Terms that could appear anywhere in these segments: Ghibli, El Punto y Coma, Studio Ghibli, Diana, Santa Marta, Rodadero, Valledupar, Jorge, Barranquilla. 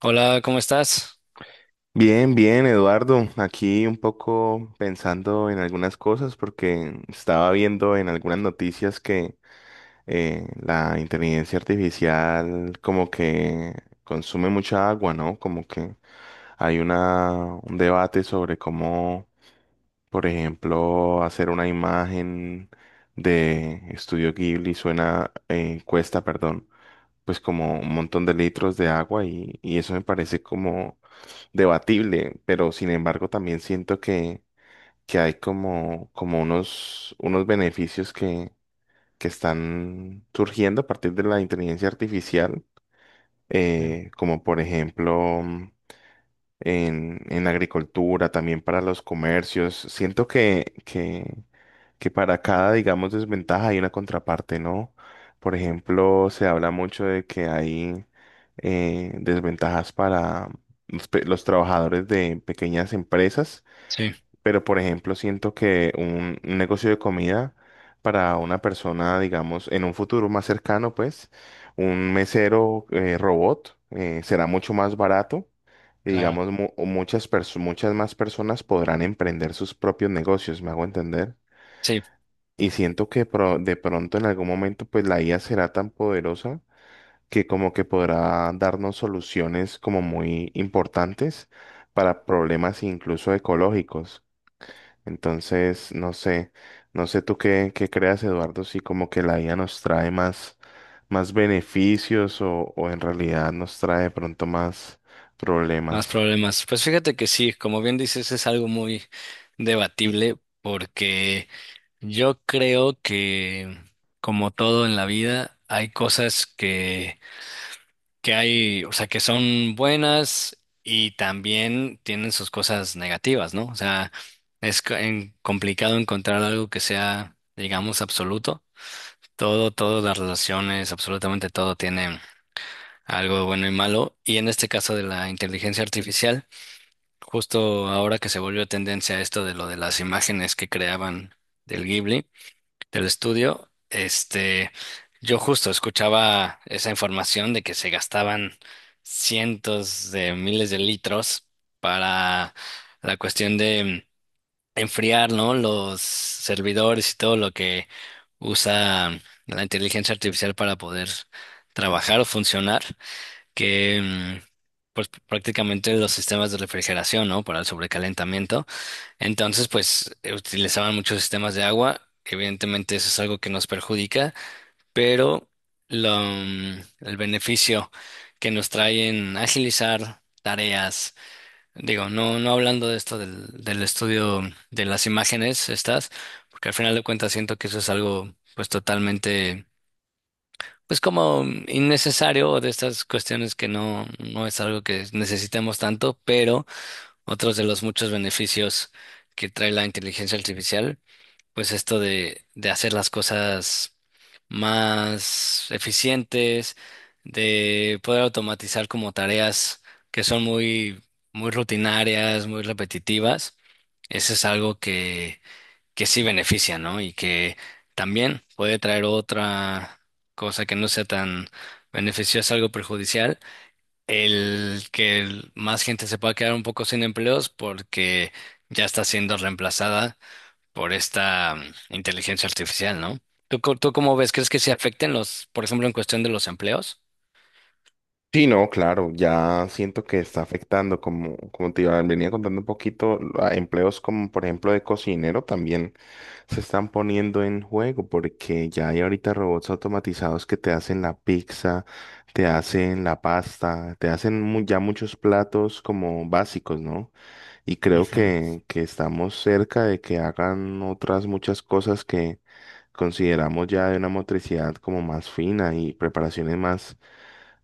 Hola, ¿cómo estás? Bien, bien, Eduardo. Aquí un poco pensando en algunas cosas porque estaba viendo en algunas noticias que la inteligencia artificial como que consume mucha agua, ¿no? Como que hay un debate sobre cómo, por ejemplo, hacer una imagen de Estudio Ghibli cuesta, perdón, pues como un montón de litros de agua y eso me parece como debatible, pero sin embargo también siento que, hay como unos beneficios que están surgiendo a partir de la inteligencia artificial, Bien. Como por ejemplo en la agricultura, también para los comercios. Siento que, que para cada, digamos, desventaja hay una contraparte, ¿no? Por ejemplo, se habla mucho de que hay desventajas para los trabajadores de pequeñas empresas, Sí, pero por ejemplo, siento que un negocio de comida para una persona, digamos, en un futuro más cercano, pues, un mesero robot será mucho más barato. Y claro. digamos, muchas más personas podrán emprender sus propios negocios, ¿me hago entender? Sí, Y siento que de pronto en algún momento pues la IA será tan poderosa que como que podrá darnos soluciones como muy importantes para problemas incluso ecológicos. Entonces, no sé, no sé tú qué, creas, Eduardo, si como que la IA nos trae más beneficios o en realidad nos trae de pronto más más problemas. problemas. Pues fíjate que sí, como bien dices, es algo muy debatible porque yo creo que, como todo en la vida, hay cosas que hay, o sea, que son buenas y también tienen sus cosas negativas, ¿no? O sea, es complicado encontrar algo que sea, digamos, absoluto. Todas las relaciones, absolutamente todo tiene algo de bueno y malo. Y en este caso de la inteligencia artificial, justo ahora que se volvió tendencia esto de lo de las imágenes que creaban del Ghibli, del estudio, yo justo escuchaba esa información de que se gastaban cientos de miles de litros para la cuestión de enfriar, ¿no? Los servidores y todo lo que usa la inteligencia artificial para poder trabajar o funcionar que mm, pues prácticamente los sistemas de refrigeración, ¿no? Para el sobrecalentamiento. Entonces, pues utilizaban muchos sistemas de agua. Evidentemente eso es algo que nos perjudica, pero el beneficio que nos trae en agilizar tareas, digo, no, no hablando de esto del estudio de las imágenes estas, porque al final de cuentas siento que eso es algo pues totalmente pues como innecesario o de estas cuestiones que no, no es algo que necesitemos tanto, pero otros de los muchos beneficios que trae la inteligencia artificial, pues esto de hacer las cosas más eficientes, de poder automatizar como tareas que son muy rutinarias, muy repetitivas. Eso es algo que sí beneficia, ¿no? Y que también puede traer otra cosa que no sea tan beneficiosa, algo perjudicial, más gente se pueda quedar un poco sin empleos porque ya está siendo reemplazada por esta inteligencia artificial, ¿no? ¿ Tú cómo ves? ¿Crees que se afecten los, por ejemplo, en cuestión de los empleos? Sí, no, claro, ya siento que está afectando, como te venía contando un poquito, a empleos como por ejemplo de cocinero también se están poniendo en juego porque ya hay ahorita robots automatizados que te hacen la pizza, te hacen la pasta, te hacen ya muchos platos como básicos, ¿no? Y creo Ujú. que, estamos cerca de que hagan otras muchas cosas que consideramos ya de una motricidad como más fina y preparaciones más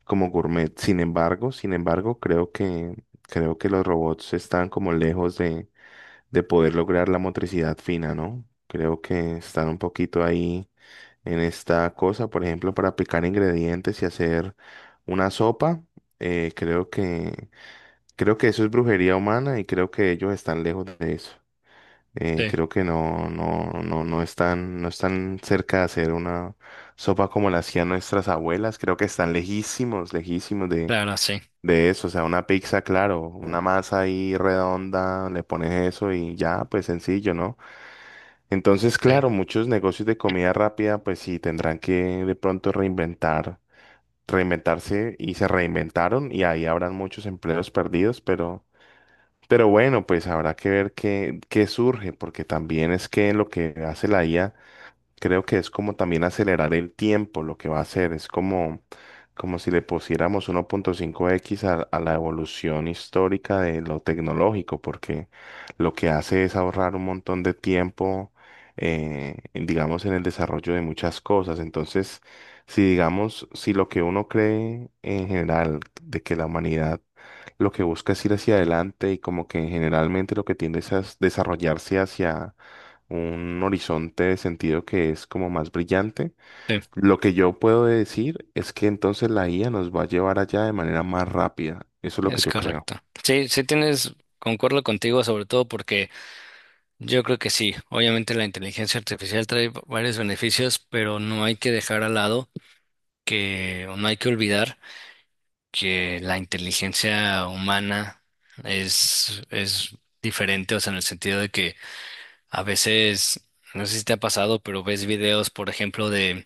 como gourmet. Sin embargo, creo que, los robots están como lejos de poder lograr la motricidad fina, ¿no? Creo que están un poquito ahí en esta cosa. Por ejemplo, para picar ingredientes y hacer una sopa, eh, creo que, creo que eso es brujería humana y creo que ellos están lejos de eso. Sí, Creo que no, no, no, no están, no están cerca de hacer una sopa como la hacían nuestras abuelas. Creo que están lejísimos, lejísimos de, claro, sí, de eso, o sea, una pizza, claro, una masa ahí redonda, le pones eso y ya, pues sencillo, ¿no? Entonces, sí, claro, muchos negocios de comida rápida, pues sí, tendrán que de pronto reinventar, reinventarse y se reinventaron y ahí habrán muchos empleos perdidos, pero bueno, pues habrá que ver qué surge, porque también es que lo que hace la IA. Creo que es como también acelerar el tiempo lo que va a hacer. Es como si le pusiéramos 1.5x a la evolución histórica de lo tecnológico, porque lo que hace es ahorrar un montón de tiempo, digamos, en el desarrollo de muchas cosas. Entonces, si digamos, si lo que uno cree en general de que la humanidad lo que busca es ir hacia adelante y como que generalmente lo que tiende es a desarrollarse hacia un horizonte de sentido que es como más brillante. sí, Lo que yo puedo decir es que entonces la IA nos va a llevar allá de manera más rápida. Eso es lo que es yo creo. correcto. Sí, sí tienes, concuerdo contigo, sobre todo porque yo creo que sí. Obviamente la inteligencia artificial varios beneficios, pero no hay que dejar al lado que, o no hay que olvidar que la inteligencia humana es diferente, o sea, en el sentido de que a veces, no sé si te ha pasado, pero ves videos, por ejemplo,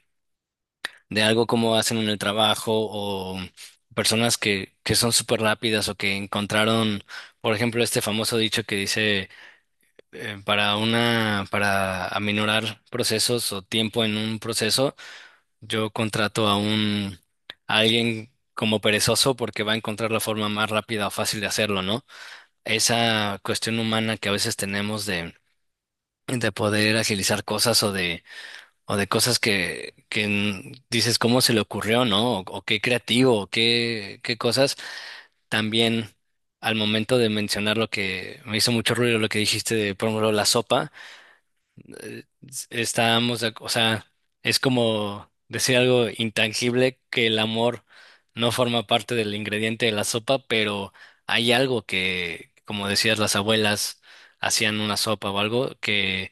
de algo como hacen en el trabajo o personas que son súper rápidas o que encontraron, por ejemplo, este famoso dicho que dice... para aminorar procesos o tiempo en un proceso, yo contrato a alguien como perezoso porque va a encontrar la forma más rápida o fácil de hacerlo, ¿no? Esa cuestión humana que a veces tenemos de poder agilizar cosas o de cosas que dices cómo se le ocurrió, ¿no? O qué creativo, o qué, qué cosas también. Al momento de mencionar lo que me hizo mucho ruido, lo que dijiste de, por ejemplo, la sopa, eh, estábamos, o sea, es como decir algo intangible que el amor no forma parte del ingrediente de la sopa, pero hay algo que, como decías, las abuelas hacían una sopa o algo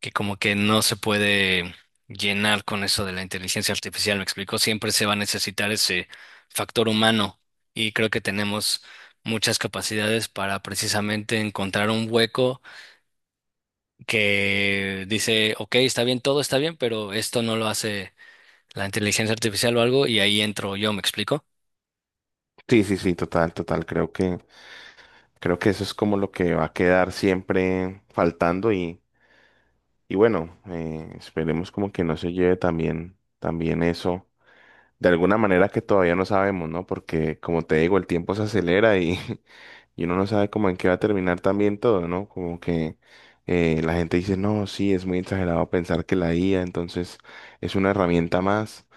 que como que no se puede llenar con eso de la inteligencia artificial, me explico, siempre se va a necesitar ese factor humano y creo que tenemos muchas capacidades para precisamente encontrar un hueco que dice, ok, está bien, todo está bien, pero esto no lo hace la inteligencia artificial o algo, y ahí entro yo, ¿me explico? Sí, sí, sí, total, total. creo que, eso es como lo que va a quedar siempre faltando y bueno, esperemos como que no se lleve también, también eso. De alguna manera que todavía no sabemos, ¿no? Porque como te digo, el tiempo se acelera y uno no sabe cómo en qué va a terminar también todo, ¿no? Como que la gente dice, no, sí, es muy exagerado pensar que la IA entonces es una herramienta más,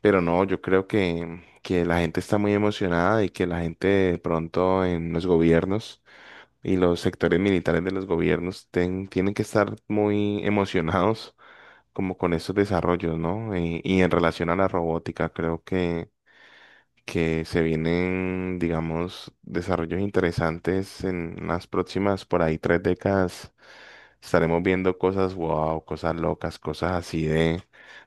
pero no, yo creo que, la gente está muy emocionada y que la gente de pronto en los gobiernos y los sectores militares de los gobiernos tienen que estar muy emocionados como con esos desarrollos, ¿no? Y en relación a la robótica, creo que se vienen, digamos, desarrollos interesantes en las próximas, por ahí, 3 décadas. Estaremos viendo cosas wow, cosas locas, cosas así de,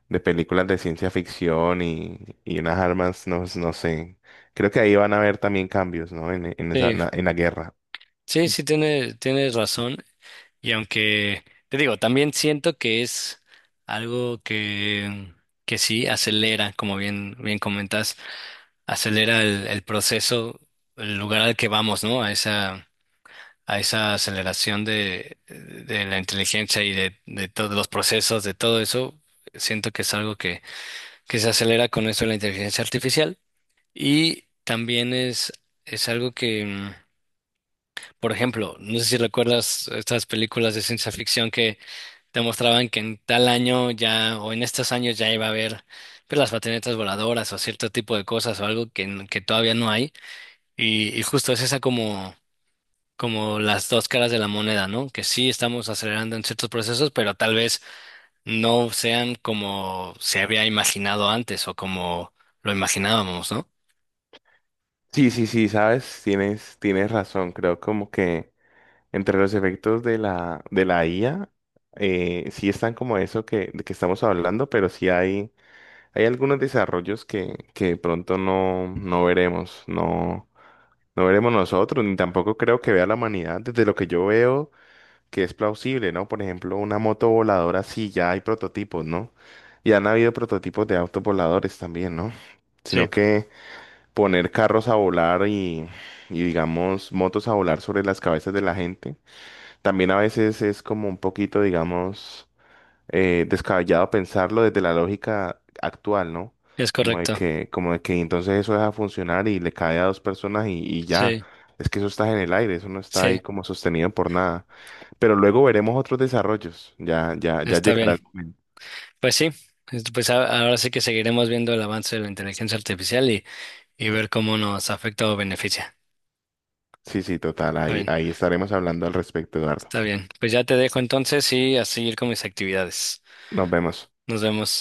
de películas de ciencia ficción y unas armas, no, no sé. Creo que ahí van a haber también cambios, ¿no? En, en esa, Sí, na- en la guerra. sí, Mm. sí, tiene, tienes razón. Y aunque, te digo, también siento que es algo que sí acelera, como bien, bien comentas, acelera el proceso, el lugar al que vamos, ¿no? A esa aceleración de la inteligencia de todos los procesos, de todo eso, siento que es algo que se acelera con esto de la inteligencia artificial. Y también es algo que, mm, por ejemplo, no sé si recuerdas estas películas de ciencia ficción que te mostraban que en tal año ya, o en estos años ya iba a haber pues, las patinetas voladoras o cierto tipo de cosas o algo que todavía no hay. Y justo es esa como... como las dos caras de la moneda, ¿no? Que sí estamos acelerando en ciertos procesos, pero tal vez no sean como se había imaginado antes o como lo imaginábamos, ¿no? Sí, sí, sí, sabes, tienes razón. Creo como que entre los efectos de la, IA, sí están como eso que, de que estamos hablando, pero sí hay algunos desarrollos que de pronto no, no veremos, no. No veremos nosotros, ni tampoco creo que vea la humanidad desde lo que yo veo que es plausible, ¿no? Por ejemplo, una moto voladora, sí, ya hay prototipos, ¿no? Y han habido prototipos de autos voladores también, ¿no? Sino que poner carros a volar y, digamos, motos a volar sobre las cabezas de la gente, también a veces es como un poquito, digamos, descabellado pensarlo desde la lógica actual, ¿no? Es correcto. Como de que entonces eso deja funcionar y le cae a dos personas y ya. Sí, Es que eso está en el aire, eso no está ahí sí, como sostenido por nada. Pero luego veremos otros desarrollos. Ya, ya, ya está llegará bien. el momento. Pues sí, ahora sí que seguiremos viendo el avance de la inteligencia artificial y ver cómo nos afecta o beneficia. Sí, sí, total. Está Ahí, bien, ahí estaremos hablando al respecto, Eduardo. está bien. Pues ya te dejo entonces y a seguir con mis actividades. Nos vemos. Nos vemos.